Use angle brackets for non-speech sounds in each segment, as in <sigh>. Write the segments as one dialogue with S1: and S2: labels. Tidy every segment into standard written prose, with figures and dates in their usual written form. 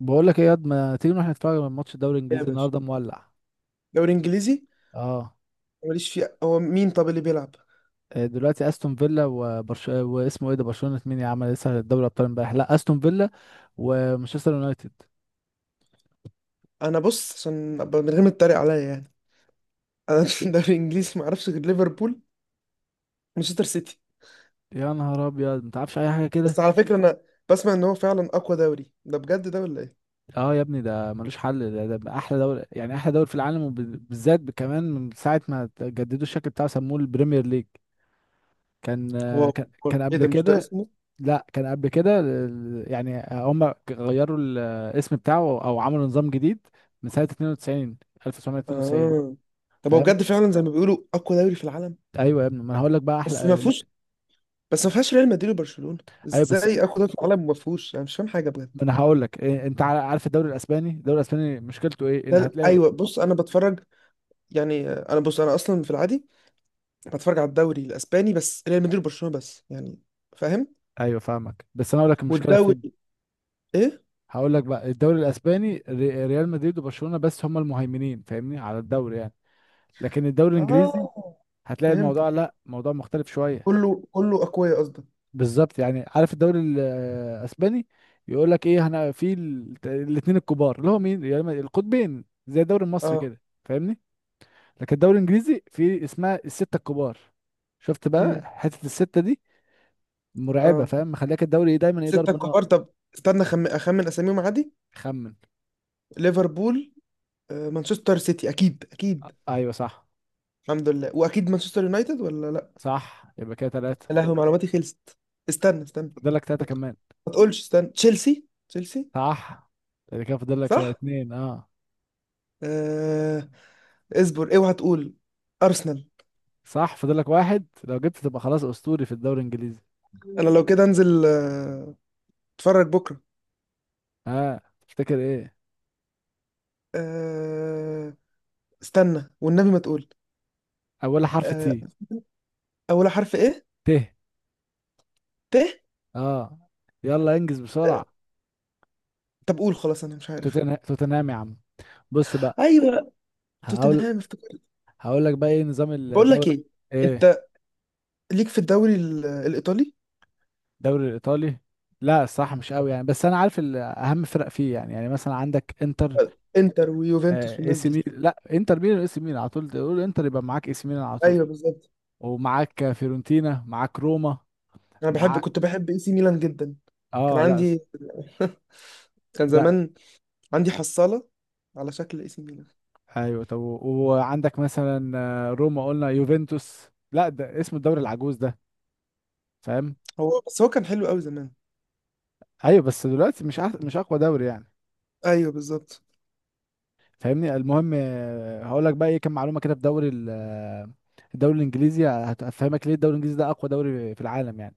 S1: بقول لك ايه يا واد، ما تيجي نروح نتفرج على ماتش الدوري
S2: إيه يا
S1: الانجليزي
S2: باشا.
S1: النهارده مولع.
S2: دوري انجليزي؟
S1: اه.
S2: ماليش فيه. هو مين طب اللي بيلعب؟
S1: دلوقتي استون فيلا واسمه ايه ده؟ برشلونة مين يا عم؟ لسه دوري ابطال امبارح. لا، استون فيلا ومانشستر يونايتد.
S2: انا بص عشان أبقى من غير ما تتريق عليا يعني. انا <laughs> في دوري انجليزي ما اعرفش غير ليفربول ومانشستر سيتي.
S1: يا نهار ابيض، ما تعرفش اي حاجه كده؟
S2: بس على فكره انا بسمع ان هو فعلا اقوى دوري، ده بجد ده ولا ايه؟
S1: اه يا ابني، ده ملوش حل ده احلى دوري. يعني احلى دوري في العالم، وبالذات كمان من ساعه ما جددوا الشكل بتاعه، سموه البريمير ليج. كان
S2: هو
S1: آه، كان كان
S2: ايه
S1: قبل
S2: ده، مش ده
S1: كده.
S2: اسمه؟
S1: لا كان قبل كده، يعني هم غيروا الاسم بتاعه، او عملوا نظام جديد، من سنة 92، 1992.
S2: اه. طب هو بجد
S1: فاهم؟
S2: فعلا زي ما بيقولوا اقوى دوري في العالم؟
S1: ايوه يا ابني، ما انا هقول لك بقى
S2: بس ما
S1: احلى.
S2: فيهوش، بس ما فيهاش ريال مدريد وبرشلونه.
S1: ايوه بس
S2: ازاي اقوى دوري في العالم وما فيهوش؟ انا مش فاهم حاجه بجد.
S1: ما انا هقول لك إيه. انت عارف الدوري الاسباني مشكلته ايه؟ ان هتلاقي.
S2: ايوه بص انا بتفرج، يعني انا بص، انا اصلا في العادي انا بتفرج على الدوري الاسباني بس ريال مدريد وبرشلونه بس يعني، فاهم؟
S1: ايوه فاهمك، بس انا هقول لك المشكله فين.
S2: والدوري؟ ايه؟
S1: هقول لك بقى، الدوري الاسباني، ريال مدريد وبرشلونه بس هم المهيمنين، فاهمني، على الدوري يعني. لكن الدوري الانجليزي
S2: اه
S1: هتلاقي
S2: فهمت.
S1: الموضوع، لا، موضوع مختلف شويه.
S2: كله كله اقوياء قصدك.
S1: بالظبط، يعني عارف الدوري الاسباني يقول لك ايه؟ هنا في الاثنين الكبار، اللي هو مين؟ يعني القطبين زي الدوري المصري
S2: اه.
S1: كده، فاهمني. لكن الدوري الانجليزي في اسمها الستة الكبار. شفت بقى
S2: امم.
S1: حتة الستة دي؟ مرعبة،
S2: اه.
S1: فاهم، مخليك الدوري دايما ايه؟
S2: سته
S1: ضرب نار.
S2: كبار طب. استنى اخمن اساميهم عادي.
S1: خمن.
S2: ليفربول، مانشستر سيتي، اكيد.
S1: ايوه صح.
S2: الحمد لله. واكيد مانشستر يونايتد ولا لا؟
S1: صح، يبقى كده ثلاثة.
S2: يا لهوي معلوماتي خلصت. استنى.
S1: فاضل لك ثلاثة
S2: ما ت-
S1: كمان.
S2: ما تقولش، استنى، تشيلسي.
S1: صح، يبقى كده فاضل لك
S2: صح.
S1: اثنين. اه
S2: آه... اصبر اوعى تقول. ارسنال.
S1: صح، فاضل لك واحد. لو جبت تبقى خلاص اسطوري في الدوري الانجليزي.
S2: انا لو كده انزل، اتفرج بكرة.
S1: ها، اه. تفتكر ايه؟
S2: أه... استنى والنبي ما تقول.
S1: اولها حرف
S2: أه...
S1: تي.
S2: أول حرف إيه؟
S1: ت.
S2: ت؟
S1: اه، يلا انجز
S2: أه...
S1: بسرعة.
S2: طب قول خلاص أنا مش عارف.
S1: توتنهام يا عم. بص بقى.
S2: أيوه
S1: هقول
S2: توتنهام، افتكرت.
S1: هقول لك بقى ايه نظام
S2: بقول لك
S1: الدوري.
S2: إيه،
S1: ايه
S2: أنت ليك في الإيطالي؟
S1: الدوري الايطالي؟ لا الصراحة مش قوي يعني، بس انا عارف اهم فرق فيه يعني مثلا عندك انتر،
S2: إنتر ويوفنتوس
S1: اي
S2: والناس
S1: سي
S2: دي؟
S1: ميلان. لا، انتر ميلان اي سي ميلان. على طول تقول انتر يبقى معاك اي سي ميلان على طول.
S2: أيوه بالظبط.
S1: ومعاك فيورنتينا، معاك روما،
S2: أنا بحب،
S1: معاك.
S2: كنت بحب إي سي ميلان جدا. كان
S1: اه لا
S2: عندي <laughs> كان
S1: لا.
S2: زمان عندي حصالة على شكل اي سي ميلان.
S1: ايوه طب وعندك مثلا روما، قلنا يوفنتوس. لا ده اسم الدوري العجوز ده، فاهم.
S2: هو بس هو كان حلو قوي زمان.
S1: ايوه بس دلوقتي مش اقوى دوري يعني،
S2: ايوه بالظبط.
S1: فاهمني. المهم، هقول لك بقى ايه كام معلومه كده في دوري الدوري الانجليزي، هتفهمك ليه الدوري الانجليزي ده اقوى دوري في العالم يعني.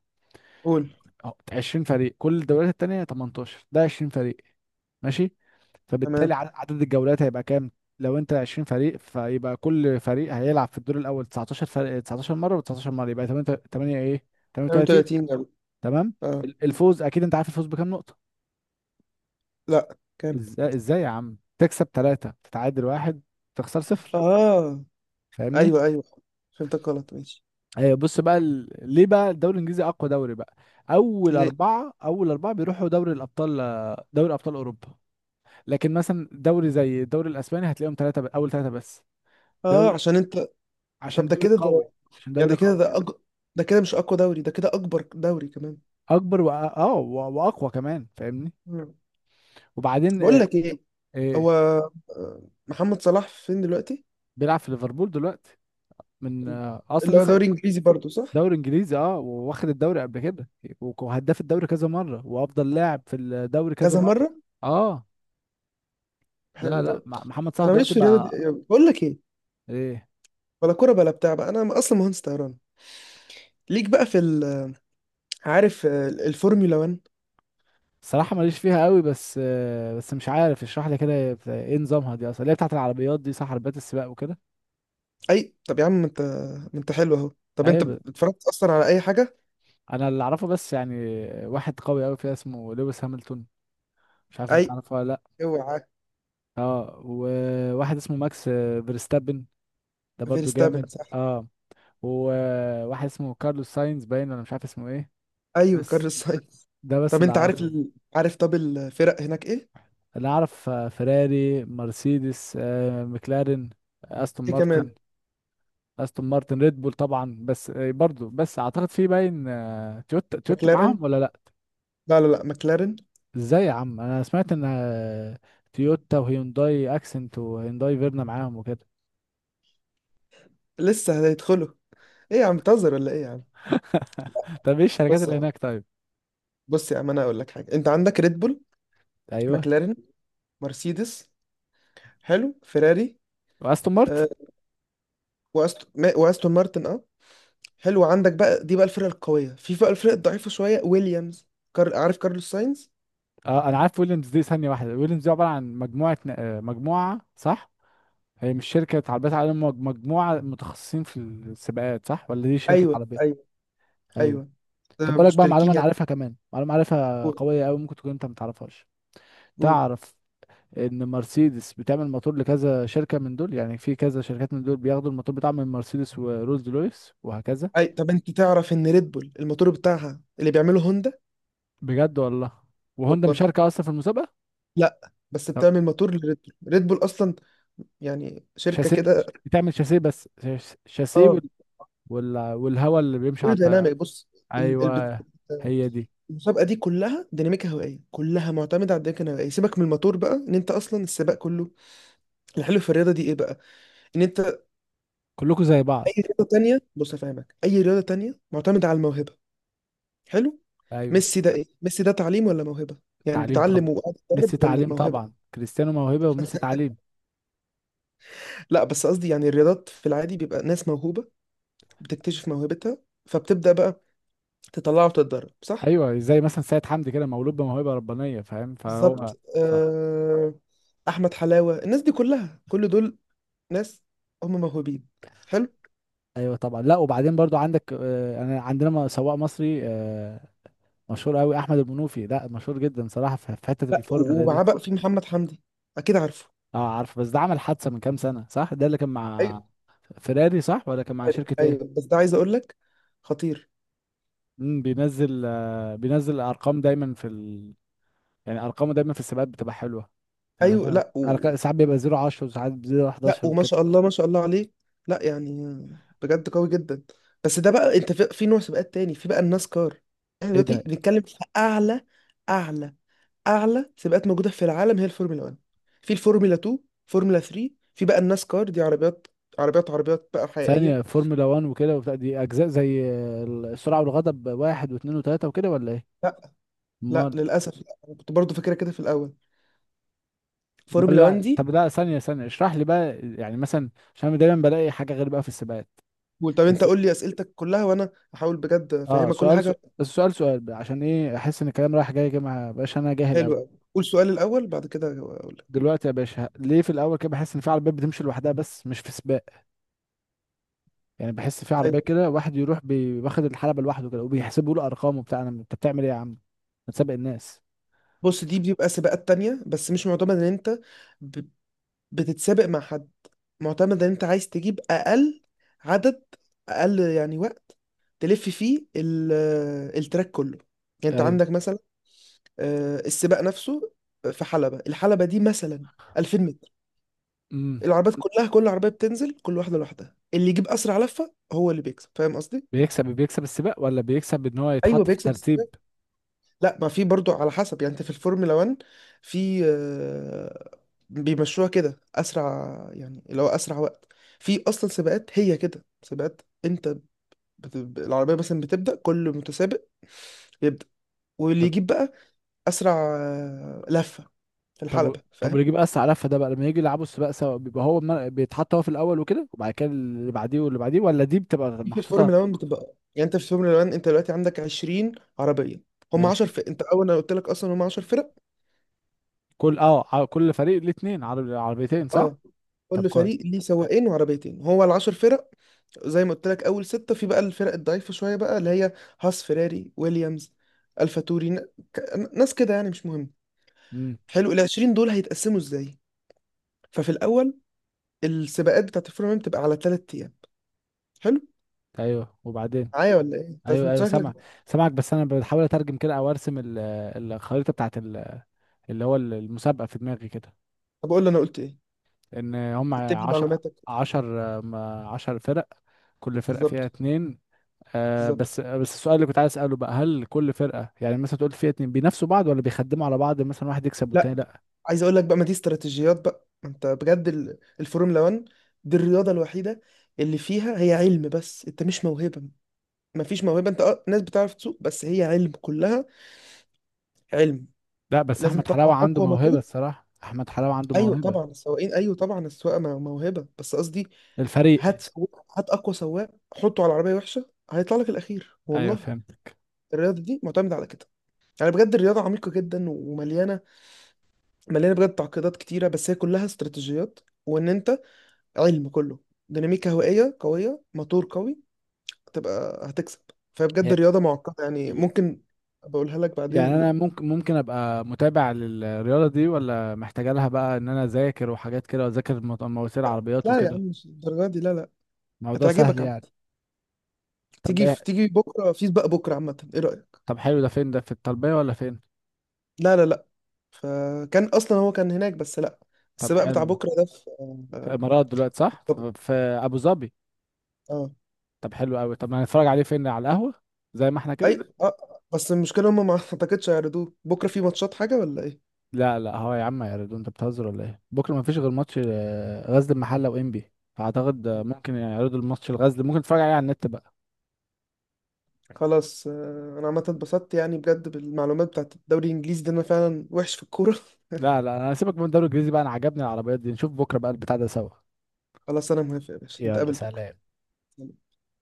S2: قول.
S1: اهو 20 فريق، كل الدوريات التانية 18، ده 20 فريق. ماشي، فبالتالي
S2: تمام.
S1: عدد الجولات هيبقى كام؟ لو انت 20 فريق، فيبقى كل فريق هيلعب في الدور الاول 19 فريق، 19 مره، و19 مره يبقى 8. 8 ايه؟ 38.
S2: 32 جول.
S1: تمام.
S2: اه.
S1: الفوز، اكيد انت عارف الفوز بكام نقطه.
S2: لا كام؟
S1: ازاي يا عم؟ تكسب 3، تتعادل 1، تخسر 0.
S2: اه.
S1: فاهمني.
S2: ايوه ايوه فهمتك، غلط ماشي.
S1: بص بقى، ليه بقى الدوري الانجليزي اقوى دوري بقى. اول
S2: ليه؟
S1: اربعة اول اربعة بيروحوا دوري الابطال، دوري ابطال اوروبا. لكن مثلا دوري زي الدوري الاسباني هتلاقيهم اول ثلاثة بس.
S2: اه
S1: دوري
S2: عشان انت. طب
S1: عشان
S2: ده
S1: دوري
S2: كده
S1: قوي،
S2: ده،
S1: عشان
S2: يعني
S1: دوري قوي
S2: ده كده مش اقوى دوري، ده كده اكبر دوري كمان.
S1: اكبر واقوى كمان، فاهمني.
S2: مم.
S1: وبعدين،
S2: بقول لك ايه،
S1: آه،
S2: هو محمد صلاح فين دلوقتي؟
S1: بيلعب في ليفربول دلوقتي. من آه، اصلا
S2: اللي هو
S1: لسه.
S2: دوري انجليزي برضو صح؟
S1: دوري انجليزي اه، واخد الدوري قبل كده، وهداف الدوري كذا مره، وافضل لاعب في الدوري كذا
S2: كذا
S1: مره.
S2: مره.
S1: اه. لا
S2: حلو ده.
S1: لا محمد صلاح
S2: انا ماليش
S1: دلوقتي
S2: في الرياضه دي
S1: بقى.
S2: أوي. بقول لك ايه،
S1: ايه.
S2: ولا كوره بلا بتاع بقى، انا اصلا مهندس طيران. ليك بقى. عارف الفورمولا 1؟
S1: الصراحه ماليش فيها قوي، بس مش عارف اشرح لي كده، هي ايه نظامها دي اصلا، اللي هي بتاعت العربيات دي صح؟ عربيات السباق وكده.
S2: اي طب يا عم ما انت، ما انت حلو اهو. طب
S1: ايوه
S2: انت اتفرجت اصلا على اي حاجه؟
S1: انا اللي اعرفه بس يعني، واحد قوي قوي فيها اسمه لويس هامilton. مش عارف
S2: اي.
S1: انت تعرفه ولا لا.
S2: اوعى.
S1: اه، وواحد اسمه ماكس فيرستابن، ده برضو
S2: فيرستابن.
S1: جامد اه. وواحد اسمه كارلوس ساينز باين، ولا مش عارف اسمه ايه.
S2: ايوه
S1: بس
S2: كارل ساينز.
S1: ده بس
S2: طب
S1: اللي
S2: انت
S1: اعرفه.
S2: عارف طب الفرق هناك ايه؟
S1: اللي اعرف فيراري، مرسيدس، مكلارين، استون
S2: ايه كمان؟
S1: مارتن استون مارتن، ريد بول طبعا. بس برضو بس اعتقد في باين، تويوتا
S2: مكلارين.
S1: معاهم ولا لا.
S2: لا، مكلارين.
S1: ازاي يا عم، انا سمعت ان تويوتا وهيونداي اكسنت وهيونداي فيرنا معاهم وكده.
S2: لسه هيدخلوا؟ ايه يا عم بتهزر ولا ايه يا عم؟
S1: <laughs> طب ايه الشركات
S2: بص يا
S1: اللي
S2: عم
S1: هناك طيب؟
S2: بص يا عم، انا اقول لك حاجه. انت عندك ريد بول،
S1: ايوه،
S2: مكلارين، مرسيدس، حلو، فيراري.
S1: واستون مارتن
S2: آه. وأست... ما- واستون مارتن اه، حلو. عندك بقى دي بقى الفرق القويه. في بقى الفرق الضعيفه شويه، ويليامز. عارف كارلوس ساينز.
S1: اه. انا عارف ويليامز دي. ثانيه واحده، ويليامز دي عباره عن مجموعه مجموعه، صح؟ هي مش شركة عربيات عالم، مجموعة متخصصين في السباقات صح، ولا دي شركة
S2: ايوه
S1: عربية؟
S2: ايوه
S1: ايوه.
S2: ايوه.
S1: طب
S2: آه،
S1: اقول لك بقى معلومة
S2: مشتركين
S1: انا
S2: يعني.
S1: عارفها، كمان معلومة عارفها
S2: قول.
S1: قوية قوي، ممكن تكون انت ما تعرفهاش.
S2: قول.
S1: تعرف ان مرسيدس بتعمل موتور لكذا شركة من دول، يعني في كذا شركات من دول بياخدوا الموتور بتاعهم من مرسيدس، ورولز رويس، وهكذا.
S2: اي طب انت تعرف ان ريد بول الموتور بتاعها اللي بيعمله هوندا؟
S1: بجد والله. وهوندا
S2: والله.
S1: مشاركة اصلا في المسابقة.
S2: لا بس
S1: طب.
S2: بتعمل موتور لريد بول، ريد بول اصلا يعني شركه
S1: شاسيه.
S2: كده.
S1: بتعمل شاسيه بس، شاسيه
S2: اه.
S1: والهواء اللي بيمشي على الطيارة.
S2: ايروديناميك، بص. ال- ال- بت-
S1: ايوه. هي دي.
S2: المسابقه دي كلها ديناميكا هوائيه، كلها معتمده على الديناميكا الهوائيه. سيبك من الموتور بقى، ان انت اصلا السباق كله. الحلو في الرياضه دي ايه بقى؟ ان انت
S1: كلكم زي
S2: اي
S1: بعض.
S2: رياضه تانية، بص افهمك، اي رياضه تانية معتمده على الموهبه. حلو.
S1: ايوه.
S2: ميسي ده ايه، ميسي ده تعليم ولا موهبه؟ يعني
S1: تعليم طبعا.
S2: بيتعلم وقاعد
S1: ميسي
S2: يتدرب ولا
S1: تعليم
S2: موهبه؟
S1: طبعا، كريستيانو موهبة وميسي تعليم.
S2: لا بس قصدي يعني الرياضات في العادي بيبقى ناس موهوبة بتكتشف موهبتها، فبتبدأ بقى تطلعها وتتدرب، صح؟
S1: ايوه، زي مثلا سيد حمدي كده، مولود بموهبة ربانية فاهم، فهو
S2: بالظبط. أحمد حلاوة، الناس دي كلها، كل دول ناس، هم موهوبين. حلو؟
S1: ايوه طبعا. لا، وبعدين برضو عندك، انا عندنا سواق مصري مشهور قوي احمد المنوفي. لا مشهور جدا صراحة، في حتة
S2: لا
S1: الفورمولا دي.
S2: ومعاه بقى في محمد حمدي، أكيد عارفه.
S1: اه عارف. بس ده عمل حادثة من كام سنة، صح؟ ده اللي كان
S2: أيوه.
S1: مع فيراري صح، ولا كان مع شركة
S2: أيوه
S1: ايه؟
S2: بس ده عايز أقول لك، خطير.
S1: بينزل ارقام دايما في يعني ارقامه دايما في السباقات بتبقى حلوة. يعني
S2: أيوه.
S1: مثلا
S2: لا.
S1: ساعات بيبقى 0 10، وساعات 0
S2: لا
S1: 11،
S2: وما
S1: وكده.
S2: شاء الله، ما شاء الله عليه. لا يعني بجد قوي جدا. بس ده بقى انت في، في نوع سباقات تاني. في بقى الناس كار. احنا
S1: ايه ده.
S2: دلوقتي بنتكلم في اعلى، اعلى اعلى سباقات موجوده في العالم، هي الفورمولا 1. في الفورمولا 2، فورمولا 3. في بقى الناس كار، دي عربيات، عربيات بقى حقيقيه.
S1: ثانية، فورمولا 1 وكده وبتاع، دي اجزاء زي السرعة والغضب واحد واثنين وثلاثة وكده، ولا ايه؟
S2: لا لا،
S1: امال.
S2: للاسف لا. أنا كنت برضو فاكرها كده في الاول،
S1: امال
S2: فورمولا 1
S1: لا،
S2: دي.
S1: طب لا، ثانية ثانية اشرح لي بقى يعني مثلا. عشان أنا دايما بلاقي حاجة غير بقى في السباقات.
S2: قول. طب انت
S1: الس...
S2: قول لي اسئلتك كلها وانا هحاول بجد
S1: اه،
S2: افهمك كل
S1: سؤال
S2: حاجه.
S1: سؤال السؤال سؤال بقى، عشان ايه احس ان الكلام رايح جاي كده، ما بقاش انا جاهل قوي.
S2: حلوه قوي. قول سؤال الاول بعد كده اقول لك.
S1: دلوقتي يا باشا، ليه في الاول كده بحس ان في عربيات بتمشي لوحدها بس مش في سباق؟ يعني بحس في عربية كده واحد يروح واخد الحلبة لوحده كده، وبيحسبوا له ارقام وبتاع. انت بتعمل ايه يا عم؟ ما تسابق الناس.
S2: بص دي بيبقى سباقات تانية، بس مش معتمد ان ب- بتتسابق مع حد. معتمد ان انت عايز تجيب اقل عدد، اقل يعني وقت تلف فيه التراك كله. يعني انت
S1: ايوه.
S2: عندك مثلا، السباق نفسه في حلبة، الحلبة دي مثلا 2000 متر.
S1: مم.
S2: العربيات كلها، كل عربية بتنزل كل واحدة لوحدها، اللي يجيب اسرع لفة هو اللي بيكسب، فاهم قصدي؟
S1: بيكسب السباق، ولا بيكسب ان هو
S2: ايوه
S1: يتحط في
S2: بيكسب.
S1: الترتيب؟
S2: لا ما في برضو على حسب يعني. انت في الفورمولا 1 في بيمشوها كده اسرع، يعني اللي هو اسرع وقت. في اصلا سباقات هي كده، سباقات انت العربيه مثلا بتبدا، كل متسابق يبدا، واللي
S1: طب.
S2: يجيب بقى اسرع لفه في
S1: طب
S2: الحلبه،
S1: طب
S2: فاهم؟
S1: واللي يجيب اسرع لفه ده بقى، لما يجي يلعبوا السباق سوا، بيبقى هو بيتحط هو في الاول وكده، وبعد كده اللي بعديه واللي بعديه، ولا دي بتبقى
S2: دي في الفورمولا
S1: محطوطه؟
S2: 1 بتبقى، يعني انت في الفورمولا 1، انت دلوقتي عندك 20 عربيه، هم
S1: ماشي.
S2: 10 فرق. انت اول، انا قلت لك اصلا هم 10 فرق.
S1: كل فريق ليه اتنين عربيتين صح؟
S2: اه.
S1: طب
S2: كل
S1: كويس.
S2: فريق ليه سواقين وعربيتين، هو ال 10 فرق. زي ما قلت لك اول ستة في بقى الفرق الضعيفة شوية بقى، اللي هي هاس، فيراري، ويليامز، الفا توري ن- ك- ناس كده يعني مش مهم.
S1: امم.
S2: حلو. ال 20 دول هيتقسموا ازاي؟ ففي الاول السباقات بتاعت الفورمولا 1 بتبقى على ثلاث ايام. حلو.
S1: ايوه. وبعدين.
S2: معايا ولا ايه انت؟
S1: ايوه
S2: أنت
S1: ايوه سامع.
S2: شكلك.
S1: سامعك بس انا بحاول اترجم كده، او ارسم الخريطه بتاعت اللي هو المسابقه في دماغي كده.
S2: طب اقول لي انا قلت ايه،
S1: ان هم
S2: رتب
S1: 10.
S2: لي
S1: 10.
S2: معلوماتك.
S1: عشر فرق، كل فرقة فيها
S2: بالظبط.
S1: اتنين.
S2: بالظبط.
S1: بس السؤال اللي كنت عايز اساله بقى، هل كل فرقه، يعني مثلا تقول فيها اتنين، بينافسوا بعض ولا بيخدموا على بعض مثلا واحد يكسب والتاني
S2: لا
S1: لا؟
S2: عايز اقول لك بقى، ما دي استراتيجيات بقى. ما انت بجد الفورمولا 1 دي الرياضة الوحيدة اللي فيها هي علم بس، انت مش موهبة، مفيش موهبه. انت اه ناس بتعرف تسوق، بس هي علم كلها، علم.
S1: لا بس
S2: لازم
S1: احمد
S2: تطلع
S1: حلاوه عنده
S2: اقوى
S1: موهبه.
S2: موتور.
S1: الصراحه، احمد حلاوه عنده
S2: ايوه
S1: موهبه.
S2: طبعا السواقين، ايوه طبعا موهبه، بس قصدي
S1: الفريق.
S2: هات اقوى سواق حطه على عربيه وحشه هيطلع لك الاخير
S1: ايوه
S2: والله.
S1: فهمت.
S2: الرياضه دي معتمده على كده، يعني بجد الرياضه عميقه جدا ومليانه، مليانه بجد تعقيدات كتيره، بس هي كلها استراتيجيات. وان انت علم كله، ديناميكا هوائيه قويه، موتور قوي، هتبقى هتكسب. فبجد
S1: ي-
S2: الرياضه معقده يعني ممكن بقولها لك
S1: يعني انا
S2: بعدين.
S1: ممكن ابقى متابع للرياضه دي، ولا محتاجه لها بقى ان انا اذاكر وحاجات كده، واذاكر مواسير عربيات
S2: لا يا عم
S1: وكده؟
S2: مش الدرجه دي، لا.
S1: موضوع سهل
S2: هتعجبك عم.
S1: يعني. طب
S2: تيجي
S1: ايه.
S2: في، تيجي بكره في سباق بكره، عامه ايه رايك؟
S1: طب حلو، ده فين ده، في الطلبيه ولا فين؟
S2: لا، فكان اصلا هو كان هناك بس لا.
S1: طب
S2: السباق بتاع
S1: حلو.
S2: بكره ده في،
S1: في الامارات دلوقتي صح؟
S2: طب
S1: في ابو ظبي.
S2: اه.
S1: طب حلو قوي. طب ما هنتفرج عليه فين، على القهوة زي ما احنا كده؟
S2: اي اه بس المشكله هم ما <laughs> اعتقدش هيعرضوه بكره، في ماتشات حاجه ولا ايه؟
S1: لا لا، هو يا عم يا ريدو، انت بتهزر ولا ايه؟ بكره ما فيش غير ماتش غزل المحله وانبي، فاعتقد ممكن يعرضوا الماتش الغزل، ممكن تتفرج عليه على النت بقى.
S2: خلاص انا عامه اتبسطت يعني بجد بالمعلومات بتاعت الدوري الانجليزي ده، انا فعلا وحش في الكوره <laughs>
S1: لا لا، انا هسيبك من الدوري الانجليزي بقى. انا عجبني العربيات دي، نشوف بكره بقى البتاع ده سوا.
S2: خلاص انا موافق يا باشا،
S1: يلا
S2: نتقابل بكره.
S1: سلام.